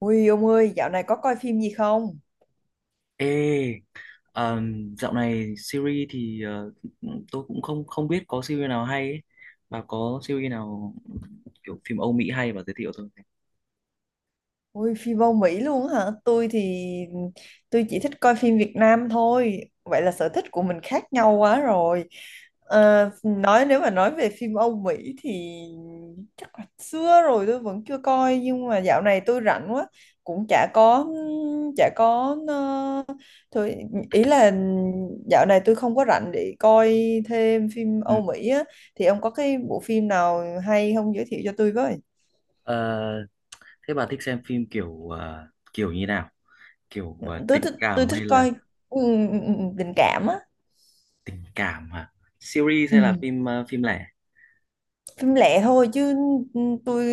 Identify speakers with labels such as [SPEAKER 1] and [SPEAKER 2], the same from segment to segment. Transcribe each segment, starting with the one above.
[SPEAKER 1] Ui ông ơi, dạo này có coi phim gì không?
[SPEAKER 2] Ê, dạo này series thì tôi cũng không không biết có series nào hay ấy. Bà có series nào kiểu phim Âu Mỹ hay bà giới thiệu tôi với.
[SPEAKER 1] Ui, phim Âu Mỹ luôn á hả? Tôi thì tôi chỉ thích coi phim Việt Nam thôi. Vậy là sở thích của mình khác nhau quá rồi. Ờ, nói nếu mà nói về phim Âu Mỹ thì chắc là xưa rồi tôi vẫn chưa coi, nhưng mà dạo này tôi rảnh quá, cũng chả có ờ, thôi, ý là dạo này tôi không có rảnh để coi thêm phim
[SPEAKER 2] Ừ.
[SPEAKER 1] Âu Mỹ á, thì ông có cái bộ phim nào hay không giới thiệu cho tôi với?
[SPEAKER 2] Ờ, thế bà thích xem phim kiểu kiểu như nào? Kiểu
[SPEAKER 1] tôi
[SPEAKER 2] tình
[SPEAKER 1] thích tôi
[SPEAKER 2] cảm
[SPEAKER 1] thích
[SPEAKER 2] hay là
[SPEAKER 1] coi, ừ, tình cảm á.
[SPEAKER 2] tình cảm hả? Series
[SPEAKER 1] Ừ.
[SPEAKER 2] hay là phim phim lẻ?
[SPEAKER 1] Phim lẻ thôi chứ. Tôi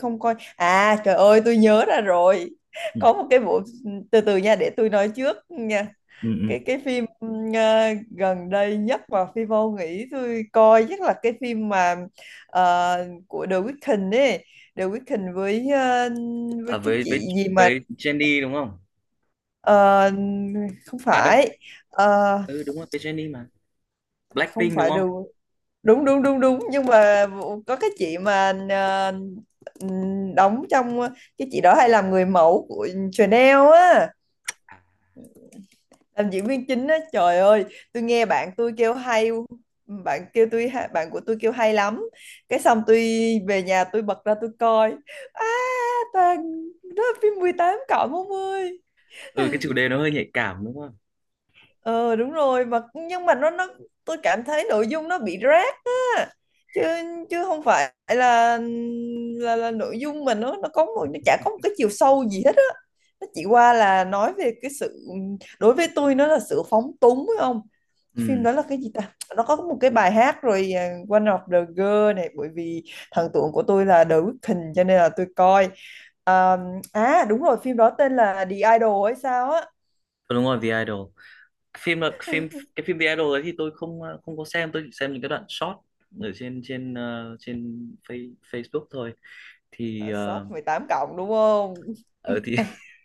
[SPEAKER 1] không coi. À trời ơi tôi nhớ ra rồi,
[SPEAKER 2] Ừ.
[SPEAKER 1] có một cái bộ, từ từ nha để tôi nói trước nha.
[SPEAKER 2] Ừ, ừ.
[SPEAKER 1] Cái phim gần đây nhất mà phi vô nghĩ tôi coi chắc là cái phim mà của The Weeknd ấy. The Weeknd với
[SPEAKER 2] À,
[SPEAKER 1] cái
[SPEAKER 2] với
[SPEAKER 1] chị gì mà
[SPEAKER 2] với Jennie đúng không?
[SPEAKER 1] ờ, không
[SPEAKER 2] À đâu,
[SPEAKER 1] phải. Ờ,
[SPEAKER 2] ừ đúng rồi với Jennie mà.
[SPEAKER 1] không
[SPEAKER 2] Blackpink đúng
[SPEAKER 1] phải The
[SPEAKER 2] không?
[SPEAKER 1] Đúng đúng đúng đúng, nhưng mà có cái chị mà đóng trong, cái chị đó hay làm người mẫu của Chanel á,
[SPEAKER 2] À,
[SPEAKER 1] làm diễn viên chính á. Trời ơi, tôi nghe bạn tôi kêu hay, bạn của tôi kêu hay lắm, cái xong tôi về nhà tôi bật ra tôi coi. À, toàn, đó là phim 18+ 40.
[SPEAKER 2] ừ cái chủ đề nó hơi nhạy cảm đúng không?
[SPEAKER 1] Ờ đúng rồi, mà nhưng mà nó tôi cảm thấy nội dung nó bị rác á, chứ chứ không phải là, là nội dung mà nó có một, nó chả có một cái chiều sâu gì hết á. Nó chỉ qua là nói về cái sự, đối với tôi nó là sự phóng túng, phải không? Phim
[SPEAKER 2] Ừ,
[SPEAKER 1] đó là cái gì ta, nó có một cái bài hát rồi, à, One of the Girl, này bởi vì thần tượng của tôi là The Weeknd cho nên là tôi coi. à, À đúng rồi, phim đó tên là The Idol hay sao á.
[SPEAKER 2] đúng rồi, The Idol. Phim là phim cái phim The Idol đấy thì tôi không không có xem, tôi chỉ xem những cái đoạn short ở trên trên trên face, Facebook thôi thì
[SPEAKER 1] Là short
[SPEAKER 2] ờ
[SPEAKER 1] 18+ đúng không?
[SPEAKER 2] ở thì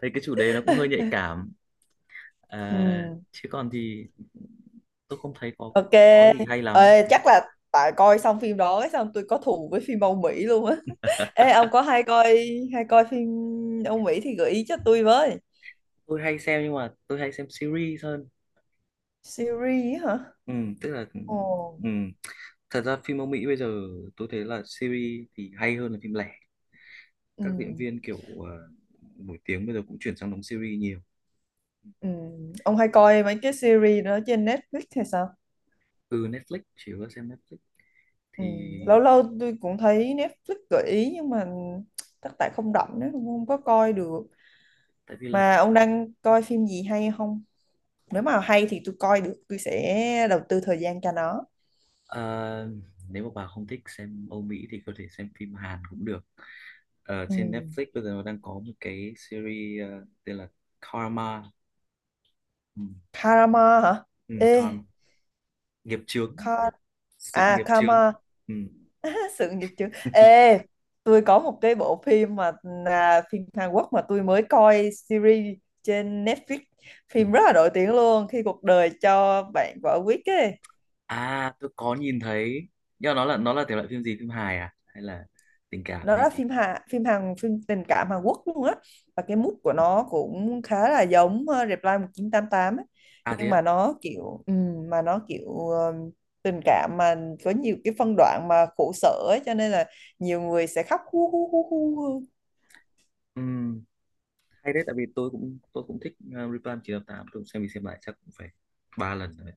[SPEAKER 2] thấy cái chủ đề nó cũng hơi nhạy cảm à,
[SPEAKER 1] Ừ.
[SPEAKER 2] chứ còn thì tôi không thấy có
[SPEAKER 1] Ok.
[SPEAKER 2] có có gì hay lắm.
[SPEAKER 1] Ê, chắc là tại coi xong phim đó ấy, xong tôi có thù với phim Âu Mỹ luôn á. Ê, ông có hay coi phim Âu Mỹ thì gợi ý cho tôi với.
[SPEAKER 2] Tôi hay xem nhưng mà tôi hay xem series hơn,
[SPEAKER 1] Series á hả?
[SPEAKER 2] ừ, tức là,
[SPEAKER 1] Ồ.
[SPEAKER 2] ừ. Thật ra phim Âu Mỹ bây giờ tôi thấy là series thì hay hơn là phim lẻ,
[SPEAKER 1] Ừ.
[SPEAKER 2] các diễn viên kiểu ờ, nổi tiếng bây giờ cũng chuyển sang đóng series nhiều.
[SPEAKER 1] Ừ. Ông hay coi mấy cái series đó trên Netflix hay sao?
[SPEAKER 2] Ừ, Netflix, chỉ có xem Netflix
[SPEAKER 1] Ừ.
[SPEAKER 2] thì
[SPEAKER 1] Lâu lâu tôi cũng thấy Netflix gợi ý nhưng mà chắc tại không rảnh nữa, không có coi được.
[SPEAKER 2] tại vì là
[SPEAKER 1] Mà ông đang coi phim gì hay không? Nếu mà hay thì tôi coi được, tôi sẽ đầu tư thời gian cho nó.
[SPEAKER 2] ờ, nếu mà bà không thích xem Âu Mỹ thì có thể xem phim Hàn cũng được. Ở
[SPEAKER 1] Ừ.
[SPEAKER 2] trên Netflix bây giờ nó đang có một cái series tên là Karma, ừ,
[SPEAKER 1] Karma hả?
[SPEAKER 2] ừ,
[SPEAKER 1] Ê,
[SPEAKER 2] Karma, nghiệp chướng,
[SPEAKER 1] Kar...
[SPEAKER 2] sự
[SPEAKER 1] à
[SPEAKER 2] nghiệp chướng.
[SPEAKER 1] Karma.
[SPEAKER 2] Ừ.
[SPEAKER 1] Sự nghiệp chứ. Ê, tôi có một cái bộ phim mà là phim Hàn Quốc mà tôi mới coi series trên Netflix.
[SPEAKER 2] Ừ.
[SPEAKER 1] Phim rất là nổi tiếng luôn, khi cuộc đời cho bạn quả quýt ấy.
[SPEAKER 2] À tôi có nhìn thấy nhưng mà nó là thể loại phim gì, phim hài à hay là tình cảm
[SPEAKER 1] Nó
[SPEAKER 2] hay
[SPEAKER 1] là
[SPEAKER 2] gì?
[SPEAKER 1] phim Hàn, phim tình cảm Hàn Quốc luôn á, và cái mood của nó cũng khá là giống Reply 1988 ấy.
[SPEAKER 2] À thế
[SPEAKER 1] Nhưng
[SPEAKER 2] á,
[SPEAKER 1] mà nó kiểu tình cảm mà có nhiều cái phân đoạn mà khổ sở ấy cho nên là nhiều người sẽ khóc hu hu hu hu.
[SPEAKER 2] ừ, hay đấy tại vì tôi cũng thích Reply 988, tôi cũng xem đi xem lại chắc cũng phải 3 lần rồi.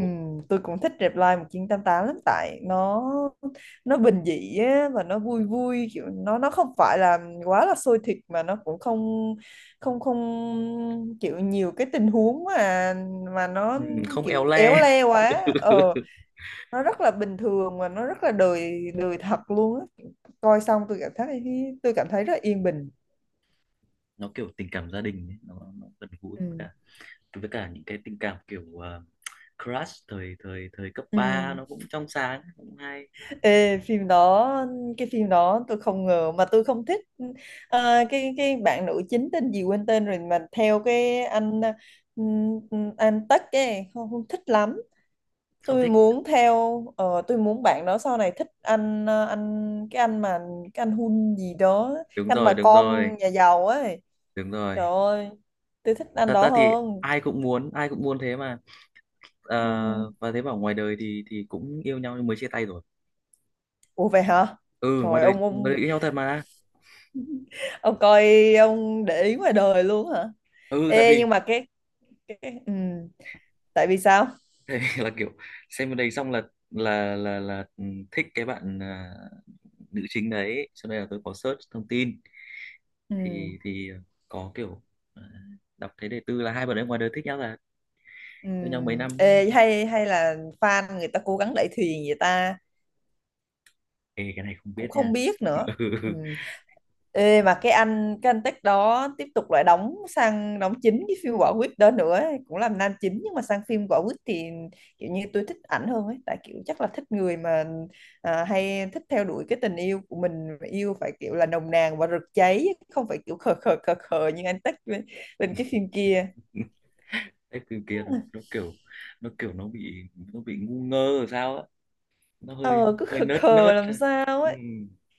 [SPEAKER 1] Ừ, tôi cũng thích Reply 1988 lắm, tại nó bình dị á, và nó vui vui, kiểu nó không phải là quá là sôi thịt, mà nó cũng không không không kiểu nhiều cái tình huống mà nó
[SPEAKER 2] Ừ, không éo
[SPEAKER 1] kiểu éo
[SPEAKER 2] le.
[SPEAKER 1] le quá. Ờ, nó rất là bình thường và nó rất là đời đời thật luôn á, coi xong tôi cảm thấy, tôi cảm thấy rất yên bình.
[SPEAKER 2] Nó kiểu tình cảm gia đình ấy, nó gần gũi
[SPEAKER 1] Ừ.
[SPEAKER 2] với cả những cái tình cảm kiểu crush thời thời thời cấp
[SPEAKER 1] Ừ.
[SPEAKER 2] ba, nó cũng trong sáng cũng hay.
[SPEAKER 1] Ê, phim đó, cái phim đó tôi không ngờ mà tôi không thích. Cái bạn nữ chính tên gì quên tên rồi, mà theo cái ừm, anh Tắc ấy, không, không thích lắm.
[SPEAKER 2] Không
[SPEAKER 1] Tôi
[SPEAKER 2] thích.
[SPEAKER 1] muốn theo, tôi muốn bạn đó sau này thích anh, cái anh mà, cái anh Hun gì đó, cái
[SPEAKER 2] Đúng
[SPEAKER 1] anh mà
[SPEAKER 2] rồi, đúng rồi,
[SPEAKER 1] con nhà giàu ấy.
[SPEAKER 2] đúng rồi.
[SPEAKER 1] Trời ơi, tôi thích anh
[SPEAKER 2] Thật
[SPEAKER 1] đó
[SPEAKER 2] ra thì
[SPEAKER 1] hơn.
[SPEAKER 2] ai cũng muốn, ai cũng muốn thế mà. Ờ,
[SPEAKER 1] Ừm.
[SPEAKER 2] và thế bảo ngoài đời thì cũng yêu nhau nhưng mới chia tay rồi.
[SPEAKER 1] Ủa vậy hả?
[SPEAKER 2] Ừ,
[SPEAKER 1] Trời,
[SPEAKER 2] ngoài đời yêu nhau thật mà.
[SPEAKER 1] ông coi, ông để ý ngoài đời luôn hả?
[SPEAKER 2] Ừ tại
[SPEAKER 1] Ê
[SPEAKER 2] vì
[SPEAKER 1] nhưng mà cái, ừ, tại vì sao?
[SPEAKER 2] tại vì là kiểu xem bên đấy xong là là ừ, thích cái bạn à, nữ chính đấy cho nên là tôi có search thông tin
[SPEAKER 1] Ừ.
[SPEAKER 2] thì có kiểu à, đọc thấy đề tư là hai bạn ấy ngoài đời thích nhau là
[SPEAKER 1] Ừ.
[SPEAKER 2] yêu nhau mấy năm đấy.
[SPEAKER 1] Ê, hay hay là fan người ta cố gắng đẩy thuyền vậy ta?
[SPEAKER 2] Ê, cái này không
[SPEAKER 1] Cũng
[SPEAKER 2] biết
[SPEAKER 1] không
[SPEAKER 2] nha.
[SPEAKER 1] biết nữa. Ừ. Ê, mà cái anh tech đó tiếp tục lại đóng, sang đóng chính cái phim Quả Quýt đó nữa ấy, cũng làm nam chính. Nhưng mà sang phim Quả Quýt thì kiểu như tôi thích ảnh hơn ấy, tại kiểu chắc là thích người mà, à, hay thích theo đuổi cái tình yêu của mình yêu phải kiểu là nồng nàn và rực cháy, không phải kiểu khờ khờ khờ khờ như anh tech bên, bên cái phim kia.
[SPEAKER 2] Cái từ kia nó kiểu nó bị ngu ngơ rồi sao á, nó hơi
[SPEAKER 1] Ờ cứ
[SPEAKER 2] hơi
[SPEAKER 1] khờ
[SPEAKER 2] nớt
[SPEAKER 1] khờ
[SPEAKER 2] nớt.
[SPEAKER 1] làm sao
[SPEAKER 2] Ừ.
[SPEAKER 1] ấy,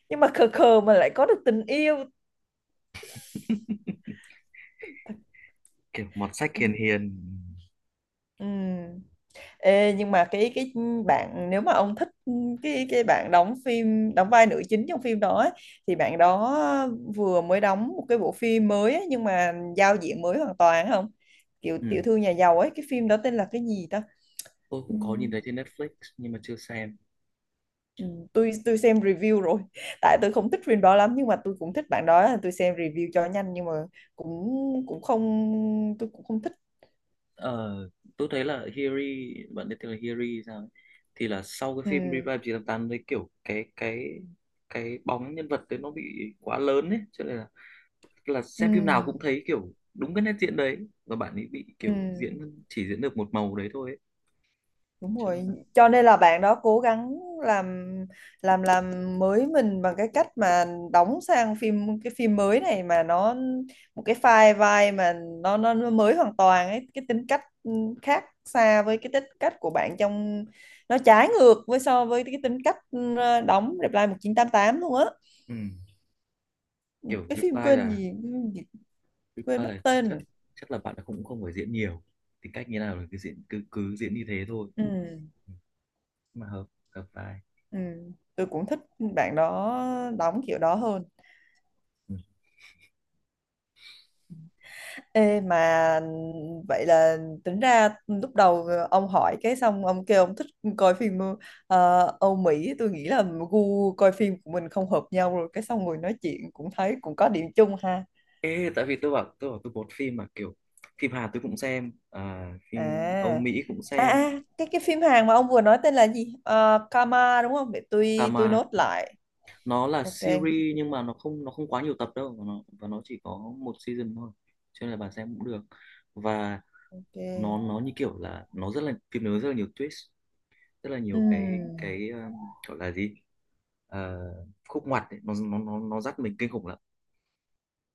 [SPEAKER 1] nhưng mà khờ khờ mà lại có được tình yêu.
[SPEAKER 2] Kiểu mọt sách hiền hiền.
[SPEAKER 1] Ừ. Ê, nhưng mà cái bạn, nếu mà ông thích cái, bạn đóng phim, đóng vai nữ chính trong phim đó ấy, thì bạn đó vừa mới đóng một cái bộ phim mới ấy, nhưng mà giao diện mới hoàn toàn, không kiểu
[SPEAKER 2] Ừ.
[SPEAKER 1] tiểu thư nhà giàu ấy, cái phim đó tên là cái gì ta?
[SPEAKER 2] Tôi
[SPEAKER 1] Ừ.
[SPEAKER 2] cũng có nhìn thấy trên Netflix nhưng mà chưa xem.
[SPEAKER 1] Ừ, tôi xem review rồi tại tôi không thích phim đó lắm, nhưng mà tôi cũng thích bạn đó, tôi xem review cho nhanh, nhưng mà cũng, cũng không tôi cũng không thích.
[SPEAKER 2] Ờ, tôi thấy là Hiri, bạn biết tên là Hiri sao ấy. Thì là sau cái
[SPEAKER 1] Ừ.
[SPEAKER 2] phim Revive 988 đấy kiểu cái bóng nhân vật đấy nó bị quá lớn ấy cho nên là xem phim nào
[SPEAKER 1] Ừ.
[SPEAKER 2] cũng thấy kiểu đúng cái nét diễn đấy, và bạn ấy bị
[SPEAKER 1] Ừ.
[SPEAKER 2] kiểu diễn chỉ diễn được một màu đấy thôi ấy.
[SPEAKER 1] Đúng
[SPEAKER 2] Cho nên
[SPEAKER 1] rồi,
[SPEAKER 2] là
[SPEAKER 1] cho nên là bạn đó cố gắng làm làm mới mình bằng cái cách mà đóng sang phim, cái phim mới này mà nó một cái file vai mà nó mới hoàn toàn ấy, cái tính cách khác xa với cái tính cách của bạn trong, nó trái ngược với, so với cái tính cách đóng Reply 1988 luôn á.
[SPEAKER 2] ừ, kiểu
[SPEAKER 1] Cái phim
[SPEAKER 2] Reply
[SPEAKER 1] quên
[SPEAKER 2] là
[SPEAKER 1] gì, quên gì- quên mất tên
[SPEAKER 2] Chắc
[SPEAKER 1] rồi.
[SPEAKER 2] chắc là bạn ấy cũng không phải diễn nhiều, tính cách như nào là cứ diễn cứ cứ diễn như thế thôi.
[SPEAKER 1] Ừ,
[SPEAKER 2] Ừ, mà hợp hợp vai.
[SPEAKER 1] ừ, tôi cũng thích bạn đó đóng kiểu đó hơn.
[SPEAKER 2] Ừ.
[SPEAKER 1] Ê mà vậy là tính ra lúc đầu ông hỏi, cái xong ông kêu ông thích coi phim Âu Mỹ, tôi nghĩ là gu coi phim của mình không hợp nhau rồi, cái xong ngồi nói chuyện cũng thấy cũng có điểm chung ha.
[SPEAKER 2] Ê, tại vì tôi bảo tôi bột phim mà kiểu phim Hàn tôi cũng xem à, phim Âu
[SPEAKER 1] à
[SPEAKER 2] Mỹ cũng
[SPEAKER 1] à
[SPEAKER 2] xem
[SPEAKER 1] à, cái phim Hàn mà ông vừa nói tên là gì? Ờ, Karma đúng không, để
[SPEAKER 2] cả
[SPEAKER 1] tôi
[SPEAKER 2] mà
[SPEAKER 1] nốt lại.
[SPEAKER 2] nó là
[SPEAKER 1] Ok.
[SPEAKER 2] series nhưng mà nó không quá nhiều tập đâu, và nó chỉ có một season thôi cho nên là bà xem cũng được. Và
[SPEAKER 1] Ok.
[SPEAKER 2] nó như kiểu là nó rất là phim, nó rất là nhiều twist, rất là nhiều cái
[SPEAKER 1] Ừm,
[SPEAKER 2] gọi là gì? Ờ, khúc ngoặt ấy. Nó, nó dắt mình kinh khủng lắm,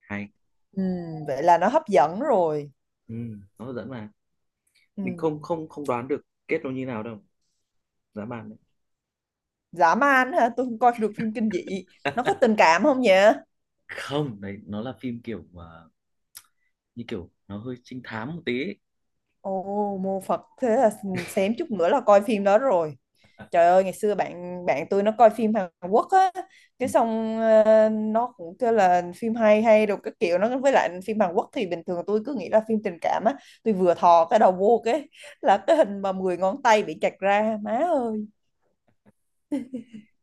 [SPEAKER 2] hay.
[SPEAKER 1] ừm, vậy là nó hấp dẫn rồi.
[SPEAKER 2] Ừ, nó hấp dẫn mà mình không
[SPEAKER 1] Ừm,
[SPEAKER 2] không không đoán được kết nó như nào đâu, dã man
[SPEAKER 1] dã man hả, tôi không coi được phim kinh dị,
[SPEAKER 2] đấy.
[SPEAKER 1] nó có tình cảm không nhỉ?
[SPEAKER 2] Không đấy, nó là phim kiểu mà như kiểu nó hơi trinh thám một tí ấy.
[SPEAKER 1] Ồ, mô Phật, thế là xém chút nữa là coi phim đó rồi. Trời ơi, ngày xưa bạn bạn tôi nó coi phim Hàn Quốc á,
[SPEAKER 2] Ừ.
[SPEAKER 1] cái xong nó cũng kêu là phim hay hay rồi cái kiểu nó, với lại phim Hàn Quốc thì bình thường tôi cứ nghĩ là phim tình cảm á, tôi vừa thò cái đầu vô cái là cái hình mà 10 ngón tay bị chặt ra, má ơi.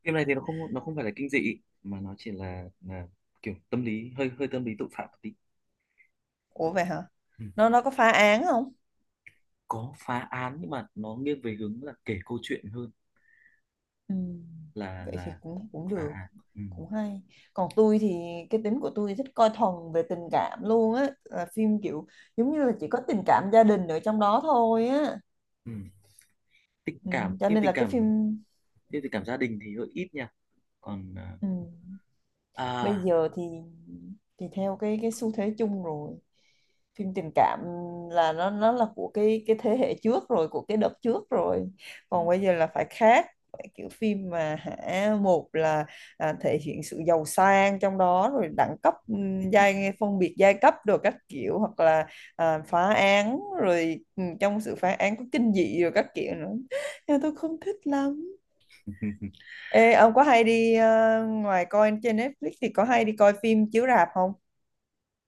[SPEAKER 2] Phim này thì nó không phải là kinh dị mà nó chỉ là kiểu tâm lý hơi hơi tâm lý tội phạm một tí.
[SPEAKER 1] Ủa vậy hả?
[SPEAKER 2] Ừ.
[SPEAKER 1] Nó có phá án không?
[SPEAKER 2] Có phá án nhưng mà nó nghiêng về hướng là kể câu chuyện hơn
[SPEAKER 1] Ừ.
[SPEAKER 2] là
[SPEAKER 1] Vậy thì cũng cũng
[SPEAKER 2] phá
[SPEAKER 1] được,
[SPEAKER 2] án. Ừ.
[SPEAKER 1] cũng hay. Còn tôi thì cái tính của tôi thích coi thuần về tình cảm luôn á, là phim kiểu giống như là chỉ có tình cảm gia đình ở trong đó thôi á.
[SPEAKER 2] Ừ. Tình
[SPEAKER 1] Ừ.
[SPEAKER 2] cảm,
[SPEAKER 1] Cho
[SPEAKER 2] phim
[SPEAKER 1] nên
[SPEAKER 2] tình
[SPEAKER 1] là cái
[SPEAKER 2] cảm,
[SPEAKER 1] phim,
[SPEAKER 2] phim tình cảm gia đình thì hơi ít nha, còn à
[SPEAKER 1] ừ, bây
[SPEAKER 2] à,
[SPEAKER 1] giờ thì theo cái, xu thế chung rồi, phim tình cảm là nó là của cái, thế hệ trước rồi, của cái đợt trước rồi, còn bây giờ là phải khác, phải kiểu phim mà hả, một là, à, thể hiện sự giàu sang trong đó rồi đẳng cấp, giai, phân biệt giai cấp rồi các kiểu, hoặc là à, phá án rồi, trong sự phá án có kinh dị rồi các kiểu nữa, nhưng mà tôi không thích lắm. Ê, ông có hay đi, ngoài coi trên Netflix thì có hay đi coi phim chiếu rạp không?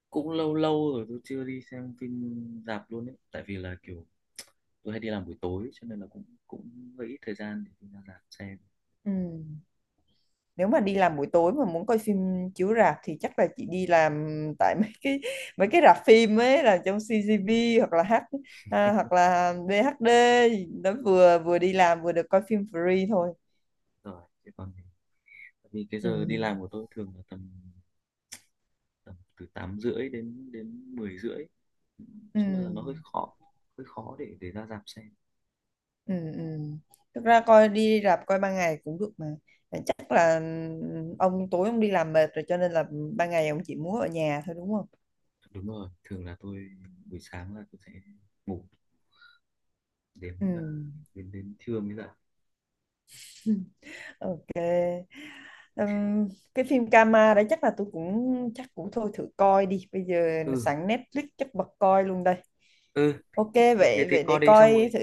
[SPEAKER 2] cũng lâu lâu rồi tôi chưa đi xem phim rạp luôn ấy tại vì là kiểu tôi hay đi làm buổi tối cho nên là cũng cũng hơi ít thời gian để đi ra rạp xem
[SPEAKER 1] Ừ. Nếu mà đi làm buổi tối mà muốn coi phim chiếu rạp thì chắc là chị đi làm, tại mấy cái, rạp phim ấy là trong CGV hoặc là H, à, hoặc là BHD đó, vừa vừa đi làm vừa được coi phim free thôi.
[SPEAKER 2] rồi chứ còn thì- tại vì cái
[SPEAKER 1] Ừ.
[SPEAKER 2] giờ đi làm của tôi thường là tầm tầm từ 8 rưỡi đến đến 10 rưỡi cho nên là
[SPEAKER 1] Ừ.
[SPEAKER 2] nó hơi khó, hơi khó để ra rạp xem.
[SPEAKER 1] Ừ. Ừ. Thực ra coi đi rạp coi ban ngày cũng được mà. Chắc là, ừ, ông tối ông đi làm mệt rồi cho nên là ban ngày ông chỉ muốn ở nhà thôi đúng không?
[SPEAKER 2] Đúng rồi, thường là tôi buổi sáng là tôi sẽ ngủ đến
[SPEAKER 1] Ừ.
[SPEAKER 2] à, đến đến trưa mới dậy.
[SPEAKER 1] Ừ. Ừ. Ừm, cái phim Kama đấy chắc là tôi cũng chắc cũng thôi thử coi đi, bây giờ
[SPEAKER 2] Ừ,
[SPEAKER 1] sẵn Netflix chắc bật coi luôn đây.
[SPEAKER 2] ừ,
[SPEAKER 1] Ok, vậy
[SPEAKER 2] thì
[SPEAKER 1] vậy
[SPEAKER 2] coi
[SPEAKER 1] để
[SPEAKER 2] đi
[SPEAKER 1] coi thử.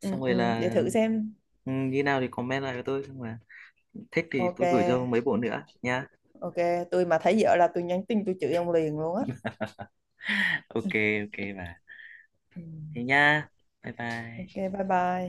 [SPEAKER 1] Ừ,
[SPEAKER 2] xong rồi
[SPEAKER 1] ừ,
[SPEAKER 2] là
[SPEAKER 1] để thử xem.
[SPEAKER 2] ừ, như nào thì comment lại với tôi xong mà thích thì
[SPEAKER 1] Ok.
[SPEAKER 2] tôi gửi cho mấy bộ nữa nha.
[SPEAKER 1] Ok. Tôi mà thấy vợ là tôi nhắn tin tôi chửi ông liền luôn á.
[SPEAKER 2] Ok, ok bà,
[SPEAKER 1] Ừ.
[SPEAKER 2] thế nha, bye
[SPEAKER 1] Ok,
[SPEAKER 2] bye.
[SPEAKER 1] bye bye.